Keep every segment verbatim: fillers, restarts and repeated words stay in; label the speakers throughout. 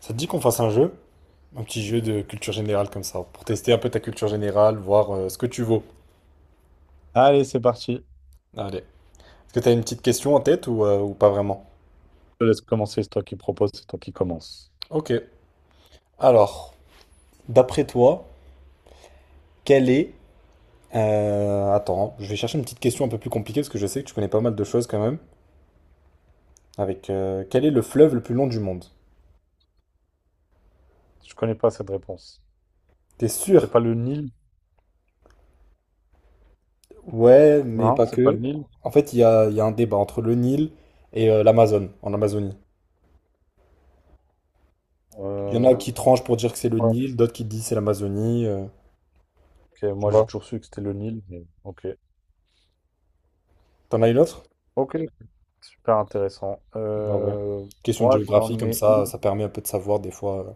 Speaker 1: Ça te dit qu'on fasse un jeu? Un petit jeu de culture générale comme ça, pour tester un peu ta culture générale, voir euh, ce que tu vaux.
Speaker 2: Allez, c'est parti. Je
Speaker 1: Allez. Est-ce que tu as une petite question en tête ou, euh, ou pas vraiment?
Speaker 2: te laisse commencer. C'est toi qui propose, c'est toi qui commence.
Speaker 1: Ok. Alors, d'après toi, quelle est... euh, attends, hein, je vais chercher une petite question un peu plus compliquée, parce que je sais que tu connais pas mal de choses quand même. Avec euh, quel est le fleuve le plus long du monde?
Speaker 2: Je connais pas cette réponse.
Speaker 1: T'es
Speaker 2: C'est
Speaker 1: sûr?
Speaker 2: pas le Nil?
Speaker 1: Ouais, mais
Speaker 2: Non,
Speaker 1: pas
Speaker 2: c'est pas le
Speaker 1: que.
Speaker 2: Nil.
Speaker 1: En fait, il y a, il y a un débat entre le Nil et euh, l'Amazone, en Amazonie. Il y en a
Speaker 2: Euh,
Speaker 1: qui tranchent pour dire que c'est le
Speaker 2: ouais,
Speaker 1: Nil, d'autres qui disent c'est l'Amazonie. euh.
Speaker 2: ok,
Speaker 1: tu
Speaker 2: moi j'ai
Speaker 1: vois.
Speaker 2: toujours su que c'était le Nil, mais ok.
Speaker 1: T'en as une autre?
Speaker 2: Ok, super intéressant.
Speaker 1: Bah ouais.
Speaker 2: Euh,
Speaker 1: Question de
Speaker 2: moi
Speaker 1: géographie,
Speaker 2: j'en
Speaker 1: comme
Speaker 2: ai
Speaker 1: ça,
Speaker 2: une.
Speaker 1: ça permet un peu de savoir des fois, euh,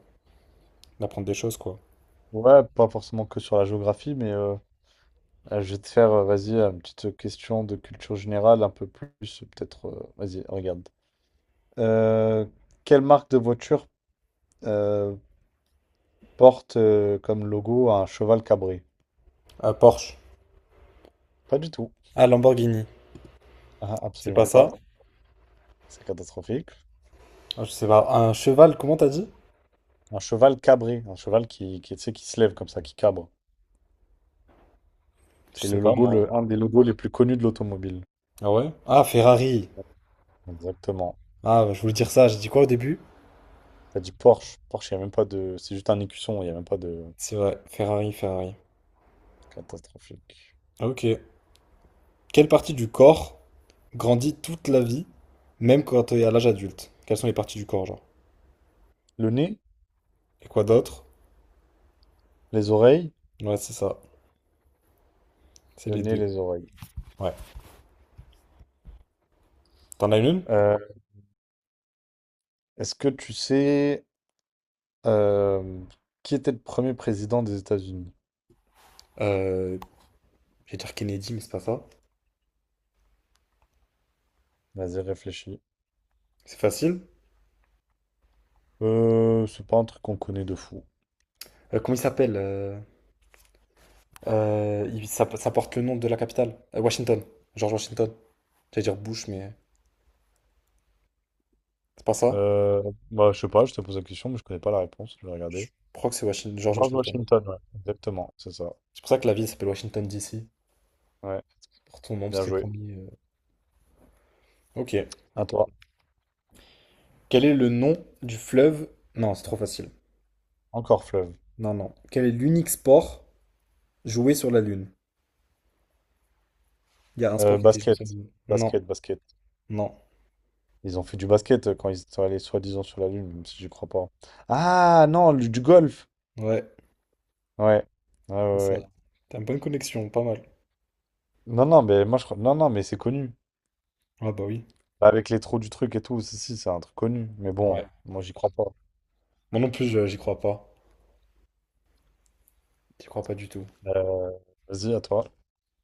Speaker 1: d'apprendre des choses, quoi.
Speaker 2: Ouais, pas forcément que sur la géographie, mais euh, euh, je vais te faire, euh, vas-y, une petite question de culture générale, un peu plus, euh, peut-être. Euh, vas-y, regarde. Euh, Quelle marque de voiture euh, porte euh, comme logo un cheval cabré?
Speaker 1: Ah, Porsche.
Speaker 2: Pas du tout.
Speaker 1: Ah, Lamborghini.
Speaker 2: Ah,
Speaker 1: C'est pas
Speaker 2: absolument pas.
Speaker 1: ça?
Speaker 2: C'est catastrophique.
Speaker 1: Ah, je sais pas. Un cheval, comment t'as dit?
Speaker 2: Un cheval cabré, un cheval qui, qui, tu sais, qui se lève comme ça, qui cabre.
Speaker 1: Je
Speaker 2: C'est
Speaker 1: sais
Speaker 2: le
Speaker 1: pas,
Speaker 2: logo,
Speaker 1: moi.
Speaker 2: le, un des logos les plus connus de l'automobile.
Speaker 1: Ah ouais? Ah, Ferrari.
Speaker 2: Exactement.
Speaker 1: Ah, bah, je voulais dire ça, j'ai dit quoi au début?
Speaker 2: T'as dit Porsche. Porsche, il n'y a même pas de. C'est juste un écusson, il n'y a même pas de.
Speaker 1: C'est vrai, Ferrari, Ferrari.
Speaker 2: Catastrophique.
Speaker 1: Ah, ok. Quelle partie du corps grandit toute la vie, même quand t'es à l'âge adulte? Quelles sont les parties du corps, genre?
Speaker 2: Le nez,
Speaker 1: Et quoi d'autre?
Speaker 2: les oreilles.
Speaker 1: Ouais, c'est ça. C'est
Speaker 2: Le
Speaker 1: les
Speaker 2: nez,
Speaker 1: deux.
Speaker 2: les oreilles.
Speaker 1: Ouais. T'en as une?
Speaker 2: Euh, Est-ce que tu sais euh, qui était le premier président des États-Unis?
Speaker 1: Euh, je vais dire Kennedy, mais c'est pas ça.
Speaker 2: Vas-y, réfléchis.
Speaker 1: C'est facile.
Speaker 2: Euh, c'est pas un truc qu'on connaît de fou.
Speaker 1: Euh, comment il s'appelle euh, euh, il- ça, ça porte le nom de la capitale. Euh, Washington. George Washington. J'allais dire Bush, mais c'est pas ça.
Speaker 2: Euh, bah, je sais pas, je te pose la question, mais je connais pas la réponse. Je vais regarder.
Speaker 1: Je crois que c'est Washington, George
Speaker 2: George
Speaker 1: Washington.
Speaker 2: Washington, ouais. Exactement, c'est ça.
Speaker 1: C'est pour ça que la ville s'appelle Washington D C.
Speaker 2: Ouais,
Speaker 1: Pour ton nom, parce
Speaker 2: bien
Speaker 1: que c'est le
Speaker 2: joué.
Speaker 1: premier. euh. Ok.
Speaker 2: À toi.
Speaker 1: Quel est le nom du fleuve? Non, c'est trop facile.
Speaker 2: Encore fleuve.
Speaker 1: Non, non. Quel est l'unique sport joué sur la Lune? Il y a un sport
Speaker 2: Euh,
Speaker 1: qui était joué
Speaker 2: basket.
Speaker 1: sur la Lune. Non,
Speaker 2: Basket, basket.
Speaker 1: non.
Speaker 2: Ils ont fait du basket euh, quand ils sont allés soi-disant sur la Lune, même si j'y crois pas. Ah non, le- du golf.
Speaker 1: Ouais,
Speaker 2: Ouais. Ouais,
Speaker 1: c'est
Speaker 2: ouais,
Speaker 1: ça.
Speaker 2: ouais.
Speaker 1: T'as une bonne connexion, pas mal.
Speaker 2: Non, non, mais moi je crois. Non, non, mais c'est connu.
Speaker 1: Ah bah oui.
Speaker 2: Bah, avec les trous du truc et tout, si, si, c'est un truc connu. Mais bon,
Speaker 1: Ouais.
Speaker 2: moi j'y crois pas.
Speaker 1: Moi non plus, je- j'y crois pas. J'y crois pas du tout.
Speaker 2: Euh, Vas-y, à toi.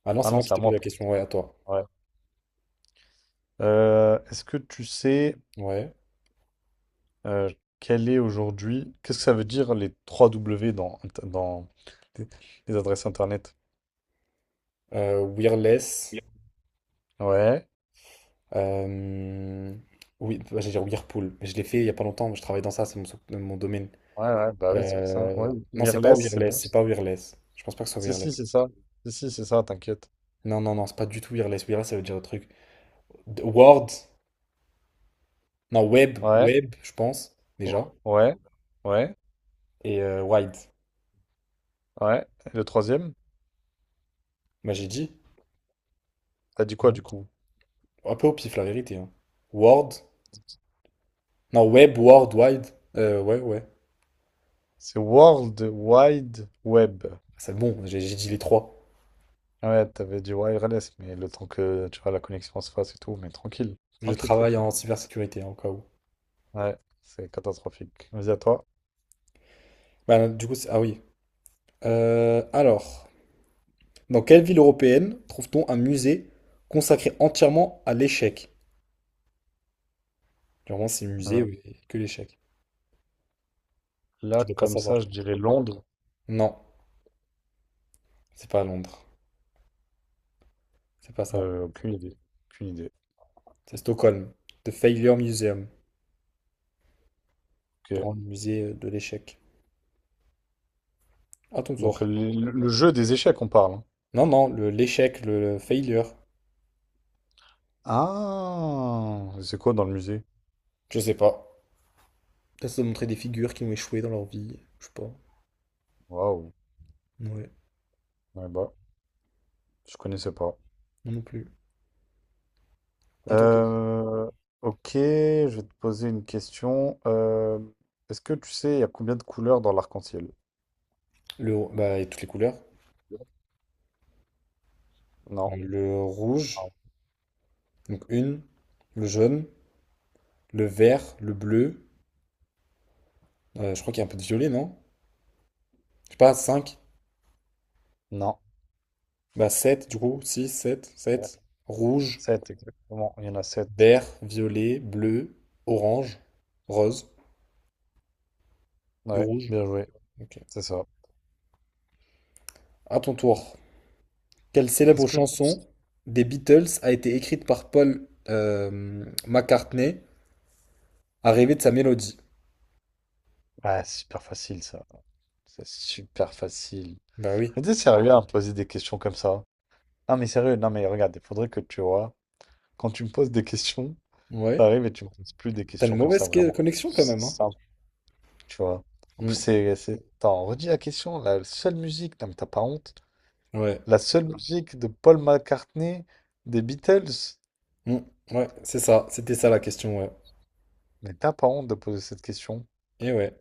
Speaker 1: Ah non,
Speaker 2: Ah
Speaker 1: c'est
Speaker 2: non,
Speaker 1: moi qui
Speaker 2: c'est à
Speaker 1: t'ai posé
Speaker 2: moi,
Speaker 1: la
Speaker 2: pardon.
Speaker 1: question, ouais, à toi.
Speaker 2: Ouais. Euh, est-ce que tu sais.
Speaker 1: Ouais.
Speaker 2: Euh, Quel est aujourd'hui, qu'est-ce que ça veut dire les trois W dans, int- dans les, les adresses internet?
Speaker 1: Euh, Wireless.
Speaker 2: Ouais, ouais,
Speaker 1: euh, Oui, bah, j'allais dire Whirlpool. Mais je l'ai fait il y a pas longtemps, je travaille dans ça, c'est mon, sou- mon domaine.
Speaker 2: ouais, bah oui, c'est pour ça. Ouais,
Speaker 1: Euh, Non, c'est pas
Speaker 2: wireless, c'est
Speaker 1: Wireless,
Speaker 2: bon.
Speaker 1: c'est pas Wireless. Je pense pas que ce soit
Speaker 2: Si, si,
Speaker 1: Wireless.
Speaker 2: c'est ça. Si, si, c'est ça, t'inquiète.
Speaker 1: Non, non, non, c'est pas du tout Wireless. Wireless, ça veut dire autre truc. D- Word. Non, Web.
Speaker 2: Ouais,
Speaker 1: Web, je pense, déjà.
Speaker 2: ouais, ouais,
Speaker 1: Et euh, Wide.
Speaker 2: ouais. Et le troisième,
Speaker 1: Bah, j'ai dit.
Speaker 2: t'as dit quoi
Speaker 1: Non.
Speaker 2: du coup?
Speaker 1: Un peu au pif, la vérité, hein. Word. Non, Web, Word, Wide. Euh, ouais, ouais.
Speaker 2: C'est World Wide Web.
Speaker 1: C'est bon, j'ai j'ai dit les trois.
Speaker 2: Ouais, t'avais dit wireless, mais le temps que tu vois la connexion se fasse et tout, mais tranquille,
Speaker 1: Je
Speaker 2: tranquille,
Speaker 1: travaille
Speaker 2: tranquille.
Speaker 1: en cybersécurité, encore.
Speaker 2: Ouais, c'est catastrophique. Vas-y à toi.
Speaker 1: Bah, du coup, c'est- ah oui. Euh, alors, dans quelle ville européenne trouve-t-on un musée consacré entièrement à l'échec? Clairement, c'est musée
Speaker 2: Euh,
Speaker 1: où que l'échec.
Speaker 2: là,
Speaker 1: Tu dois pas
Speaker 2: comme
Speaker 1: savoir,
Speaker 2: ça,
Speaker 1: je
Speaker 2: je
Speaker 1: pense.
Speaker 2: dirais Londres.
Speaker 1: Non, c'est pas à Londres. C'est pas ça.
Speaker 2: Euh, aucune idée. Aucune idée.
Speaker 1: C'est Stockholm. The Failure Museum. Le
Speaker 2: Ok.
Speaker 1: Grand musée euh, de l'échec. À ton
Speaker 2: Donc le,
Speaker 1: tour.
Speaker 2: le- Jeu des échecs, on parle, hein.
Speaker 1: Non, non, le l'échec, le failure.
Speaker 2: Ah, c'est quoi dans le musée?
Speaker 1: Je sais pas. Peut-être ça doit montrer des figures qui ont échoué dans leur vie. Je sais pas.
Speaker 2: Waouh.
Speaker 1: Ouais,
Speaker 2: Ouais, bah, je connaissais pas.
Speaker 1: non non plus. À ton tour.
Speaker 2: Euh, ok, je vais te poser une question. Euh, est-ce que tu sais, il y a combien de couleurs dans l'arc-en-ciel?
Speaker 1: Le, bah, et toutes les couleurs.
Speaker 2: Non.
Speaker 1: Le
Speaker 2: Non.
Speaker 1: rouge, donc une, le jaune, le vert, le bleu. euh, je crois qu'il y a un peu de violet, non? Je sais pas, cinq,
Speaker 2: Non.
Speaker 1: bah sept, du coup. Six, sept,
Speaker 2: Ouais.
Speaker 1: sept. Rouge,
Speaker 2: Sept, exactement. Il y en a sept.
Speaker 1: vert, violet, bleu, orange, rose et
Speaker 2: Ouais,
Speaker 1: rouge.
Speaker 2: bien joué.
Speaker 1: Ok.
Speaker 2: C'est ça.
Speaker 1: À ton tour. Quelle
Speaker 2: Est-ce
Speaker 1: célèbre
Speaker 2: que...
Speaker 1: chanson des Beatles a été écrite par Paul euh, McCartney à rêver de sa mélodie?
Speaker 2: Ah, super facile ça. C'est super facile.
Speaker 1: Bah oui.
Speaker 2: Mais t'es sérieux à me poser des questions comme ça? Non mais sérieux, non mais regarde, il faudrait que tu vois, quand tu me poses des questions,
Speaker 1: Ouais.
Speaker 2: t'arrives et tu me poses plus des
Speaker 1: T'as une
Speaker 2: questions comme ça
Speaker 1: mauvaise que-
Speaker 2: vraiment.
Speaker 1: connexion quand
Speaker 2: C'est
Speaker 1: même, hein?
Speaker 2: simple, tu vois. En plus,
Speaker 1: Mm.
Speaker 2: c'est... c'est- Attends, redis la question, la seule musique, non mais t'as pas honte,
Speaker 1: Ouais.
Speaker 2: la seule musique de Paul McCartney des Beatles,
Speaker 1: Mm. Ouais, c'est ça. C'était ça la question, ouais.
Speaker 2: mais t'as pas honte de poser cette question.
Speaker 1: Et ouais.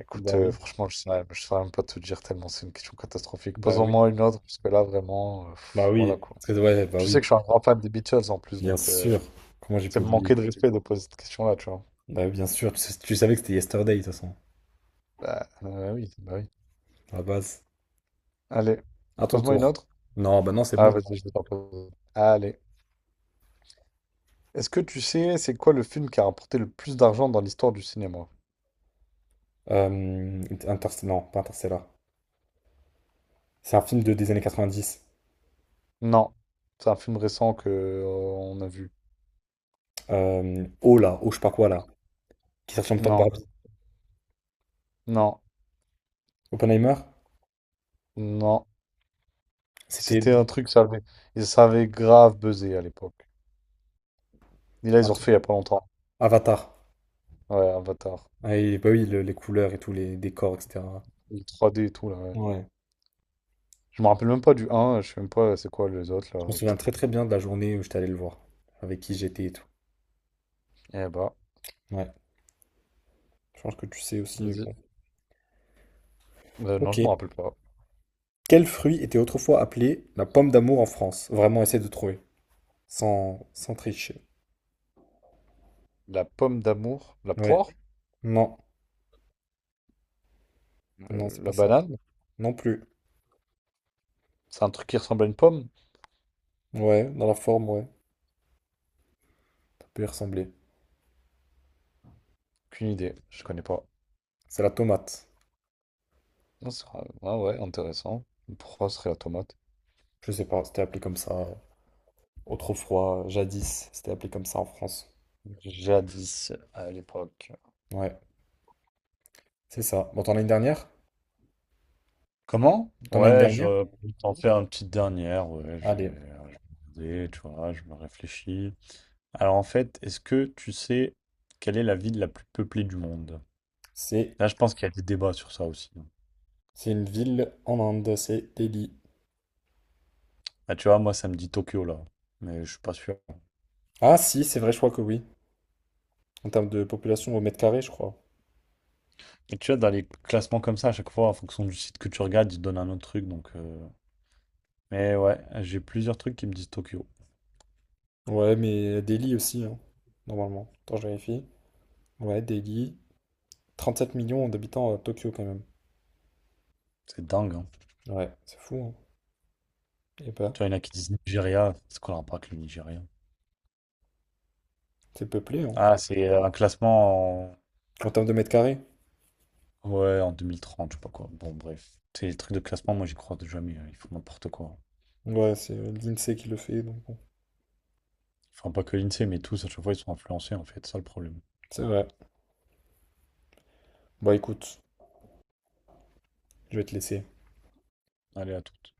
Speaker 2: Écoute,
Speaker 1: Bah
Speaker 2: euh,
Speaker 1: oui.
Speaker 2: franchement, je saurais, je saurais même pas te dire tellement c'est une question catastrophique.
Speaker 1: Bah oui,
Speaker 2: Pose-en-moi une autre, parce que là, vraiment, euh,
Speaker 1: bah
Speaker 2: pff,
Speaker 1: oui,
Speaker 2: voilà quoi.
Speaker 1: Parce que- ouais, bah
Speaker 2: Tu sais
Speaker 1: oui,
Speaker 2: que je suis un grand fan des Beatles en plus,
Speaker 1: bien
Speaker 2: donc euh,
Speaker 1: sûr. Comment j'ai
Speaker 2: c'est
Speaker 1: pu
Speaker 2: me manquer
Speaker 1: oublier?
Speaker 2: de respect de poser cette question-là, tu vois.
Speaker 1: Bah oui, bien sûr, tu, sais- tu savais que c'était Yesterday de toute façon,
Speaker 2: Ah, ah oui, bah oui.
Speaker 1: à la base.
Speaker 2: Allez,
Speaker 1: À ton
Speaker 2: pose-moi une
Speaker 1: tour.
Speaker 2: autre.
Speaker 1: Non, bah non, c'est
Speaker 2: Ah,
Speaker 1: bon.
Speaker 2: vas-y, je vais t'en poser. Allez. Est-ce que tu sais c'est quoi le film qui a rapporté le plus d'argent dans l'histoire du cinéma?
Speaker 1: Euh, Inter- non, pas Interstellar. C'est un film de, des années quatre-vingt-dix.
Speaker 2: Non. C'est un film récent que euh, on a vu.
Speaker 1: Euh, oh là, oh je sais pas quoi là, qui est sorti en même temps que
Speaker 2: Non,
Speaker 1: Barbie.
Speaker 2: non,
Speaker 1: Oppenheimer,
Speaker 2: non.
Speaker 1: c'était
Speaker 2: C'était un truc, ça avait, et ça avait grave buzzé à l'époque. Et là, ils ont refait il y a pas longtemps.
Speaker 1: Avatar.
Speaker 2: Ouais, Avatar.
Speaker 1: Ah, et bah oui, le- les couleurs et tous les décors, et cetera.
Speaker 2: Le trois D et tout, là, ouais.
Speaker 1: Ouais.
Speaker 2: Je me rappelle même pas du un je sais même pas c'est quoi les autres,
Speaker 1: Je
Speaker 2: là.
Speaker 1: me souviens très très bien de la journée où j'étais allé le voir, avec qui j'étais et tout.
Speaker 2: Eh bah,
Speaker 1: Ouais, je pense que tu sais aussi, mais
Speaker 2: vas-y.
Speaker 1: bon.
Speaker 2: Euh, non,
Speaker 1: Ok.
Speaker 2: je me rappelle pas.
Speaker 1: Quel fruit était autrefois appelé la pomme d'amour en France? Vraiment, essaie de trouver. Sans, sans tricher.
Speaker 2: La pomme d'amour, la
Speaker 1: Ouais.
Speaker 2: poire,
Speaker 1: Non.
Speaker 2: euh,
Speaker 1: Non, c'est pas
Speaker 2: la
Speaker 1: ça.
Speaker 2: banane.
Speaker 1: Non plus.
Speaker 2: C'est un truc qui ressemble à une pomme?
Speaker 1: Ouais, dans la forme, ouais. Ça peut y ressembler.
Speaker 2: Aucune idée, je connais pas.
Speaker 1: C'est la tomate.
Speaker 2: Non, c'est vrai. Ah ouais, intéressant. Pourquoi ce serait la tomate?
Speaker 1: Je sais pas, c'était appelé comme ça. euh, Autrefois, jadis, c'était appelé comme ça en France.
Speaker 2: Jadis, à l'époque.
Speaker 1: Ouais, c'est ça. Bon, t'en as une dernière?
Speaker 2: Comment?
Speaker 1: T'en as une
Speaker 2: Ouais,
Speaker 1: dernière?
Speaker 2: je peux t'en faire une petite dernière. Ouais, je vais,
Speaker 1: Allez.
Speaker 2: je vais regarder, tu vois, je me réfléchis. Alors en fait, est-ce que tu sais quelle est la ville la plus peuplée du monde?
Speaker 1: C'est,
Speaker 2: Là, je pense qu'il y a des débats sur ça aussi.
Speaker 1: c'est une ville en Inde, c'est Delhi.
Speaker 2: Là, tu vois, moi, ça me dit Tokyo, là. Mais je suis pas sûr.
Speaker 1: Ah si, c'est vrai, je crois que oui. En termes de population au mètre carré, je crois.
Speaker 2: Et tu vois, dans les classements comme ça, à chaque fois, en fonction du site que tu regardes, ils te donnent un autre truc. Donc, euh, mais ouais, j'ai plusieurs trucs qui me disent Tokyo.
Speaker 1: Ouais, mais Delhi aussi, hein, normalement. Attends, je vérifie. Ouais, Delhi. Trente-sept millions d'habitants à Tokyo quand même.
Speaker 2: C'est dingue, hein.
Speaker 1: Ouais, c'est fou, hein. Et bah,
Speaker 2: Tu vois, il y en a qui disent Nigeria. C'est quoi le rapport avec le Nigeria?
Speaker 1: c'est peuplé, hein.
Speaker 2: Ah, c'est euh, un classement en...
Speaker 1: En termes de mètres carrés.
Speaker 2: Ouais, en deux mille trente, je sais pas quoi. Bon, bref. C'est les trucs de classement, moi, j'y crois jamais, hein. Ils font n'importe quoi.
Speaker 1: Ouais, c'est euh, l'INSEE qui le fait, donc bon.
Speaker 2: Enfin, pas que l'I N S E E, mais tous, à chaque fois, ils sont influencés, en fait. C'est ça, le problème.
Speaker 1: C'est vrai. Bon, écoute, je vais te laisser.
Speaker 2: Allez, à toutes.